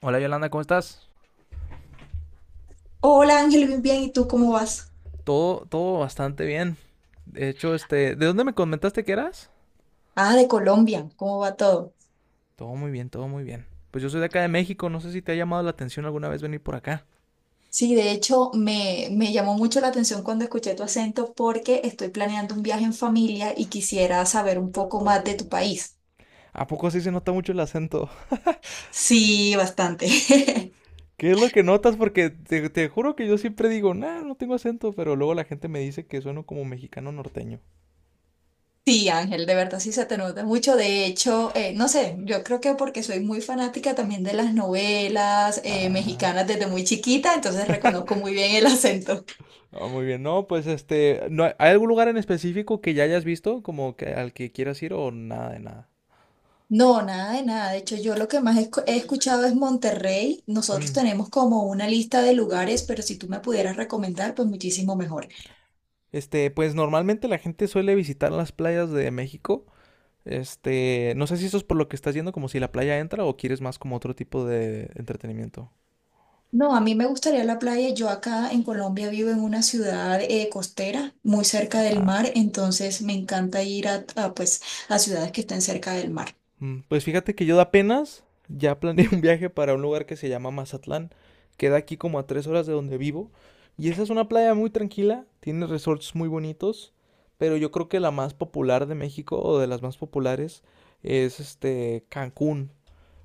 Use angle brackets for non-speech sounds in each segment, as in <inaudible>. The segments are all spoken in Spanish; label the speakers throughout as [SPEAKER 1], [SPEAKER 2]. [SPEAKER 1] Hola Yolanda, ¿cómo estás?
[SPEAKER 2] Hola Ángel, bien, ¿y tú cómo vas?
[SPEAKER 1] Todo bastante bien. De hecho, ¿de dónde me comentaste que eras?
[SPEAKER 2] Ah, de Colombia, ¿cómo va todo?
[SPEAKER 1] Todo muy bien. Pues yo soy de acá de México, no sé si te ha llamado la atención alguna vez venir por acá.
[SPEAKER 2] Sí, de hecho me llamó mucho la atención cuando escuché tu acento porque estoy planeando un viaje en familia y quisiera saber un poco más de tu país.
[SPEAKER 1] ¿A poco sí se nota mucho el acento?
[SPEAKER 2] Sí, bastante. <laughs>
[SPEAKER 1] <laughs> ¿Qué es lo que notas? Porque te juro que yo siempre digo, nah, no tengo acento, pero luego la gente me dice que sueno como mexicano norteño.
[SPEAKER 2] Sí, Ángel, de verdad sí se te nota mucho. De hecho, no sé, yo creo que porque soy muy fanática también de las novelas
[SPEAKER 1] Ah,
[SPEAKER 2] mexicanas desde muy chiquita, entonces reconozco muy bien el acento.
[SPEAKER 1] ah, muy bien. No, pues este, ¿no hay algún lugar en específico que ya hayas visto, como que al que quieras ir o nada de nada?
[SPEAKER 2] No, nada de nada. De hecho, yo lo que más he escuchado es Monterrey. Nosotros
[SPEAKER 1] Mm.
[SPEAKER 2] tenemos como una lista de lugares, pero si tú me pudieras recomendar, pues muchísimo mejor.
[SPEAKER 1] Pues normalmente la gente suele visitar las playas de México. Este, no sé si eso es por lo que estás yendo, como si la playa entra o quieres más como otro tipo de entretenimiento.
[SPEAKER 2] No, a mí me gustaría la playa. Yo acá en Colombia vivo en una ciudad costera, muy cerca del
[SPEAKER 1] Ah, ok.
[SPEAKER 2] mar, entonces me encanta ir pues, a ciudades que estén cerca del mar.
[SPEAKER 1] Mm, pues fíjate que yo apenas ya planeé <laughs> un viaje para un lugar que se llama Mazatlán. Queda aquí como a 3 horas de donde vivo. Y esa es una playa muy tranquila, tiene resorts muy bonitos, pero yo creo que la más popular de México, o de las más populares, es este Cancún.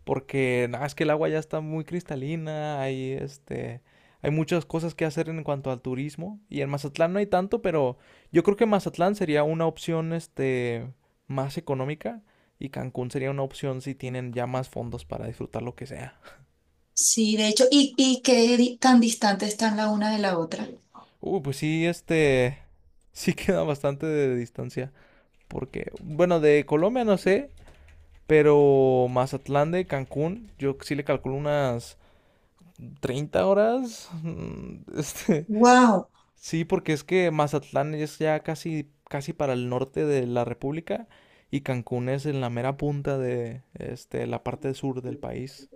[SPEAKER 1] Porque nada, es que el agua ya está muy cristalina, hay muchas cosas que hacer en cuanto al turismo, y en Mazatlán no hay tanto, pero yo creo que Mazatlán sería una opción este más económica, y Cancún sería una opción si tienen ya más fondos para disfrutar lo que sea.
[SPEAKER 2] Sí, de hecho, ¿ tan distantes están la una de la otra?
[SPEAKER 1] Pues sí, este <laughs> sí queda bastante de distancia, porque bueno, de Colombia no sé, pero Mazatlán de Cancún yo sí le calculo unas 30 horas. <laughs> Este,
[SPEAKER 2] ¡Wow!
[SPEAKER 1] sí, porque es que Mazatlán es ya casi para el norte de la República, y Cancún es en la mera punta de la parte sur del país.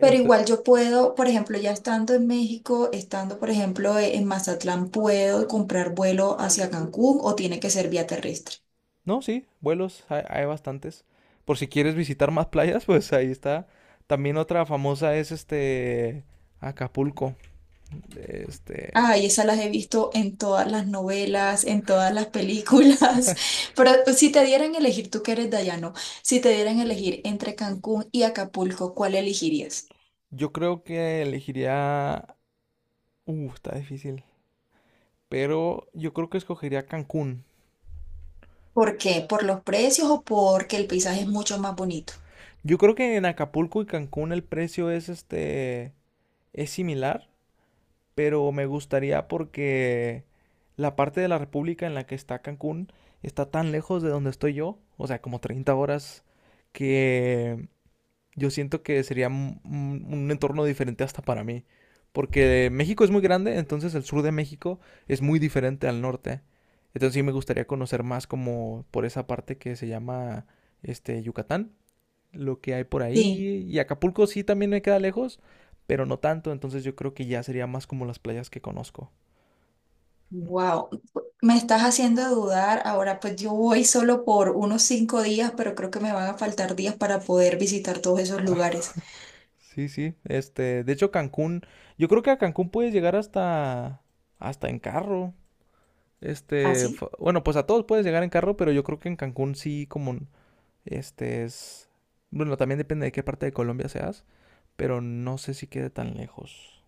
[SPEAKER 2] Pero igual yo puedo, por ejemplo, ya estando en México, estando, por ejemplo, en Mazatlán, puedo comprar vuelo hacia Cancún o tiene que ser vía terrestre.
[SPEAKER 1] no, sí, vuelos hay, bastantes. Por si quieres visitar más playas, pues ahí está. También otra famosa es este Acapulco. Este,
[SPEAKER 2] Ay, esas las he visto en todas las novelas, en todas las películas. <laughs> Pero pues, si te dieran a elegir, tú que eres dayano, si te dieran a elegir entre Cancún y Acapulco, ¿cuál elegirías?
[SPEAKER 1] yo creo que elegiría... está difícil. Pero yo creo que escogería Cancún.
[SPEAKER 2] ¿Por qué? ¿Por los precios o porque el paisaje es mucho más bonito?
[SPEAKER 1] Yo creo que en Acapulco y Cancún el precio es es similar, pero me gustaría porque la parte de la República en la que está Cancún está tan lejos de donde estoy yo, o sea, como 30 horas, que yo siento que sería un entorno diferente hasta para mí. Porque México es muy grande, entonces el sur de México es muy diferente al norte. Entonces sí me gustaría conocer más como por esa parte que se llama este Yucatán, lo que hay por
[SPEAKER 2] Sí.
[SPEAKER 1] ahí. Y Acapulco sí también me queda lejos, pero no tanto, entonces yo creo que ya sería más como las playas que conozco, ¿no?
[SPEAKER 2] Wow, me estás haciendo dudar. Ahora, pues yo voy solo por unos 5 días, pero creo que me van a faltar días para poder visitar todos esos
[SPEAKER 1] Ah,
[SPEAKER 2] lugares.
[SPEAKER 1] sí, sí. Este, de hecho Cancún, yo creo que a Cancún puedes llegar hasta en carro. Este,
[SPEAKER 2] ¿Así?
[SPEAKER 1] bueno, pues a todos puedes llegar en carro, pero yo creo que en Cancún sí como este es bueno, también depende de qué parte de Colombia seas, pero no sé si quede tan lejos.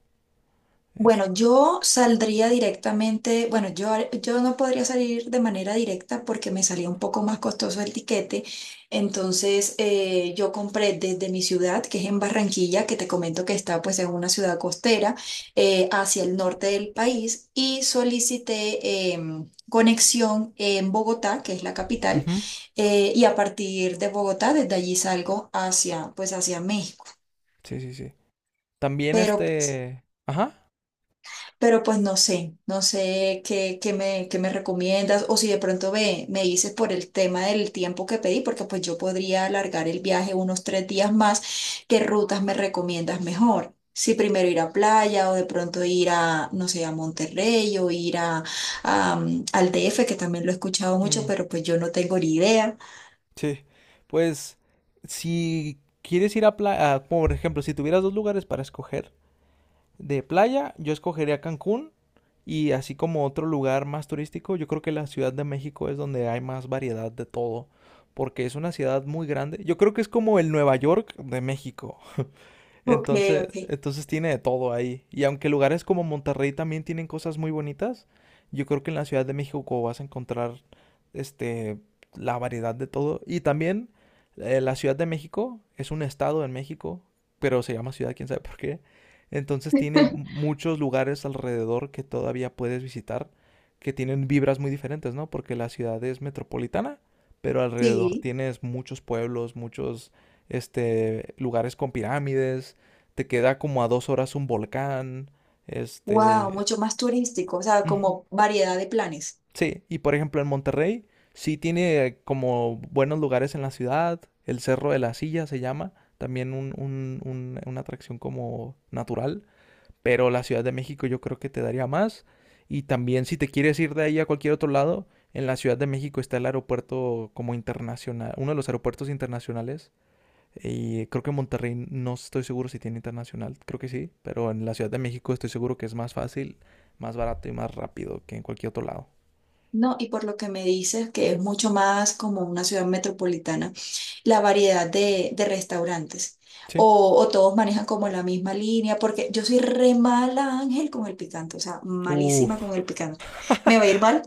[SPEAKER 1] Es-
[SPEAKER 2] Bueno, yo saldría directamente, bueno, yo, yo no podría salir de manera directa porque me salía un poco más costoso el tiquete. Entonces, yo compré desde mi ciudad, que es en Barranquilla, que te comento que está pues en una ciudad costera, hacia el norte del país y solicité conexión en Bogotá, que es la capital,
[SPEAKER 1] Ujú.
[SPEAKER 2] y a partir de Bogotá, desde allí salgo hacia, pues hacia México.
[SPEAKER 1] Sí, sí, sí. También
[SPEAKER 2] Pero pues,
[SPEAKER 1] este, ajá.
[SPEAKER 2] Pero pues, no sé, no sé qué me recomiendas o si de pronto me dices por el tema del tiempo que pedí, porque pues yo podría alargar el viaje unos 3 días más, ¿qué rutas me recomiendas mejor? Si primero ir a playa o de pronto ir a, no sé, a Monterrey o ir al DF, que también lo he escuchado mucho,
[SPEAKER 1] Mm.
[SPEAKER 2] pero pues yo no tengo ni idea.
[SPEAKER 1] Sí, pues si quieres ir a playa, por ejemplo, si tuvieras dos lugares para escoger de playa, yo escogería Cancún, y así como otro lugar más turístico, yo creo que la Ciudad de México es donde hay más variedad de todo, porque es una ciudad muy grande. Yo creo que es como el Nueva York de México.
[SPEAKER 2] Ok,
[SPEAKER 1] Entonces,
[SPEAKER 2] ok.
[SPEAKER 1] entonces tiene de todo ahí. Y aunque lugares como Monterrey también tienen cosas muy bonitas, yo creo que en la Ciudad de México vas a encontrar este la variedad de todo. Y también la Ciudad de México es un estado en México, pero se llama ciudad, quién sabe por qué. Entonces tiene
[SPEAKER 2] <laughs>
[SPEAKER 1] muchos lugares alrededor que todavía puedes visitar, que tienen vibras muy diferentes, ¿no? Porque la ciudad es metropolitana, pero alrededor
[SPEAKER 2] Sí,
[SPEAKER 1] tienes muchos pueblos, muchos este lugares con pirámides, te queda como a 2 horas un volcán,
[SPEAKER 2] wow,
[SPEAKER 1] este...
[SPEAKER 2] mucho más turístico, o sea,
[SPEAKER 1] Ujú.
[SPEAKER 2] como variedad de planes.
[SPEAKER 1] Sí, y por ejemplo en Monterrey sí tiene como buenos lugares en la ciudad, el Cerro de la Silla se llama, también una atracción como natural, pero la Ciudad de México yo creo que te daría más. Y también si te quieres ir de ahí a cualquier otro lado, en la Ciudad de México está el aeropuerto como internacional, uno de los aeropuertos internacionales, y creo que Monterrey, no estoy seguro si tiene internacional, creo que sí, pero en la Ciudad de México estoy seguro que es más fácil, más barato y más rápido que en cualquier otro lado.
[SPEAKER 2] No, y por lo que me dices, que es mucho más como una ciudad metropolitana, la variedad de restaurantes.
[SPEAKER 1] Sí.
[SPEAKER 2] O todos manejan como la misma línea, porque yo soy re mala, Ángel, con el picante, o sea, malísima con
[SPEAKER 1] Uf,
[SPEAKER 2] el picante. ¿Me va a ir mal?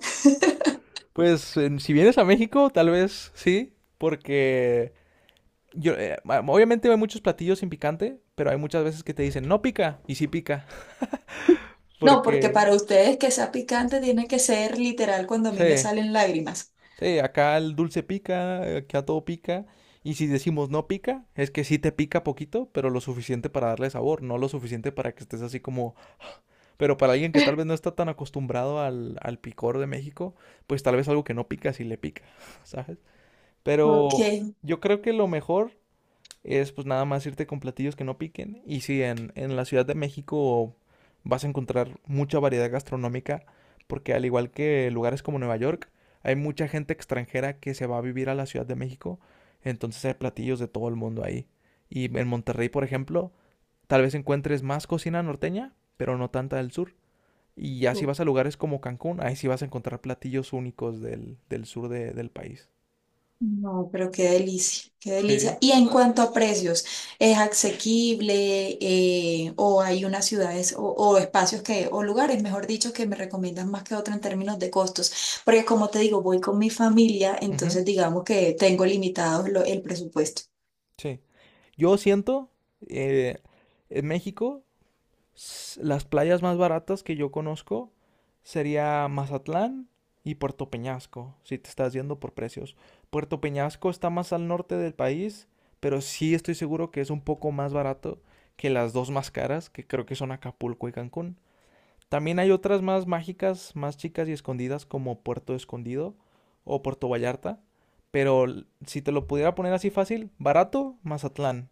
[SPEAKER 1] pues si vienes a México, tal vez sí, porque yo, obviamente hay muchos platillos sin picante, pero hay muchas veces que te dicen no pica y sí pica, <laughs>
[SPEAKER 2] No, porque
[SPEAKER 1] porque
[SPEAKER 2] para ustedes que sea picante tiene que ser literal cuando a mí me
[SPEAKER 1] sí.
[SPEAKER 2] salen lágrimas.
[SPEAKER 1] Sí, acá el dulce pica, acá todo pica. Y si decimos no pica, es que sí te pica poquito, pero lo suficiente para darle sabor, no lo suficiente para que estés así como... Pero para alguien que tal vez no está tan acostumbrado al, al picor de México, pues tal vez algo que no pica sí le pica, <laughs> ¿sabes?
[SPEAKER 2] Ok,
[SPEAKER 1] Pero yo creo que lo mejor es pues nada más irte con platillos que no piquen. Y sí, en la Ciudad de México vas a encontrar mucha variedad gastronómica, porque al igual que lugares como Nueva York, hay mucha gente extranjera que se va a vivir a la Ciudad de México, entonces hay platillos de todo el mundo ahí. Y en Monterrey, por ejemplo, tal vez encuentres más cocina norteña, pero no tanta del sur. Y ya si vas a lugares como Cancún, ahí sí vas a encontrar platillos únicos del sur del país.
[SPEAKER 2] no, pero qué delicia, qué
[SPEAKER 1] Sí.
[SPEAKER 2] delicia. Y en cuanto a precios, ¿es asequible o hay unas ciudades o espacios que, o lugares, mejor dicho, que me recomiendan más que otro en términos de costos? Porque como te digo, voy con mi familia,
[SPEAKER 1] Ujú.
[SPEAKER 2] entonces digamos que tengo limitado el presupuesto.
[SPEAKER 1] Sí. Yo siento, eh, en México, las playas más baratas que yo conozco sería Mazatlán y Puerto Peñasco, si te estás yendo por precios. Puerto Peñasco está más al norte del país, pero sí estoy seguro que es un poco más barato que las dos más caras, que creo que son Acapulco y Cancún. También hay otras más mágicas, más chicas y escondidas, como Puerto Escondido o Puerto Vallarta. Pero si te lo pudiera poner así, fácil, barato, Mazatlán.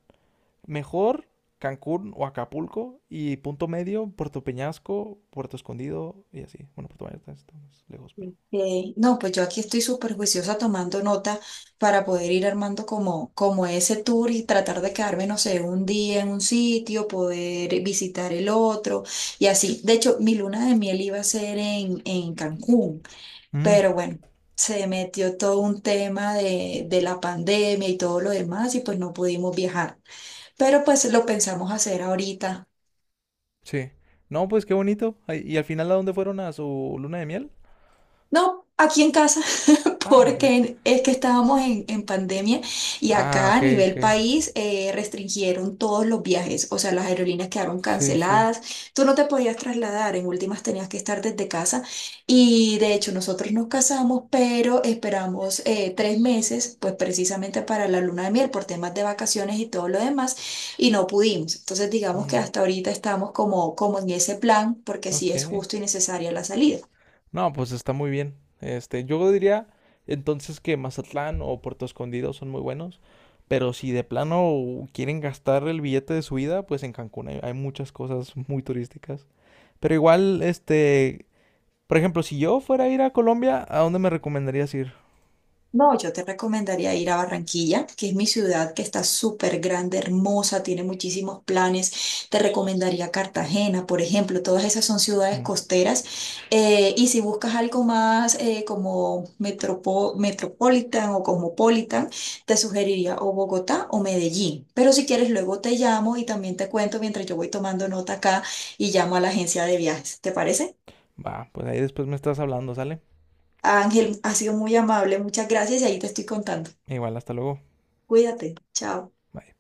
[SPEAKER 1] Mejor, Cancún o Acapulco, y punto medio, Puerto Peñasco, Puerto Escondido y así. Bueno, Puerto Vallarta está más lejos, pero...
[SPEAKER 2] No, pues yo aquí estoy súper juiciosa tomando nota para poder ir armando como, como ese tour y tratar de quedarme, no sé, un día en un sitio, poder visitar el otro y así. De hecho, mi luna de miel iba a ser en Cancún,
[SPEAKER 1] Mm,
[SPEAKER 2] pero bueno, se metió todo un tema de la pandemia y todo lo demás y pues no pudimos viajar. Pero pues lo pensamos hacer ahorita.
[SPEAKER 1] sí. No, pues qué bonito. Ay, ¿y al final a dónde fueron a su luna de miel?
[SPEAKER 2] No, aquí en casa, <laughs>
[SPEAKER 1] Ah, muy bien.
[SPEAKER 2] porque es que estábamos en pandemia y
[SPEAKER 1] Ah,
[SPEAKER 2] acá a
[SPEAKER 1] ok, ok.
[SPEAKER 2] nivel país restringieron todos los viajes, o sea, las aerolíneas quedaron
[SPEAKER 1] Sí, sí.
[SPEAKER 2] canceladas, tú no te podías trasladar, en últimas tenías que estar desde casa y de hecho nosotros nos casamos, pero esperamos 3 meses, pues precisamente para la luna de miel por temas de vacaciones y todo lo demás y no pudimos. Entonces digamos que
[SPEAKER 1] Mm,
[SPEAKER 2] hasta ahorita estamos como, como en ese plan, porque sí es
[SPEAKER 1] ok.
[SPEAKER 2] justo y necesaria la salida.
[SPEAKER 1] No, pues está muy bien. Este, yo diría entonces que Mazatlán o Puerto Escondido son muy buenos, pero si de plano quieren gastar el billete de su vida, pues en Cancún hay, muchas cosas muy turísticas. Pero igual, este, por ejemplo, si yo fuera a ir a Colombia, ¿a dónde me recomendarías ir?
[SPEAKER 2] No, yo te recomendaría ir a Barranquilla, que es mi ciudad, que está súper grande, hermosa, tiene muchísimos planes. Te recomendaría Cartagena, por ejemplo, todas esas son ciudades
[SPEAKER 1] Mm.
[SPEAKER 2] costeras. Y si buscas algo más como metropolitan o cosmopolitan, te sugeriría o Bogotá o Medellín. Pero si quieres, luego te llamo y también te cuento mientras yo voy tomando nota acá y llamo a la agencia de viajes. ¿Te parece?
[SPEAKER 1] Pues ahí después me estás hablando, ¿sale?
[SPEAKER 2] Ángel, ha sido muy amable, muchas gracias y ahí te estoy contando.
[SPEAKER 1] Igual, hasta luego.
[SPEAKER 2] Cuídate, chao.
[SPEAKER 1] Bye.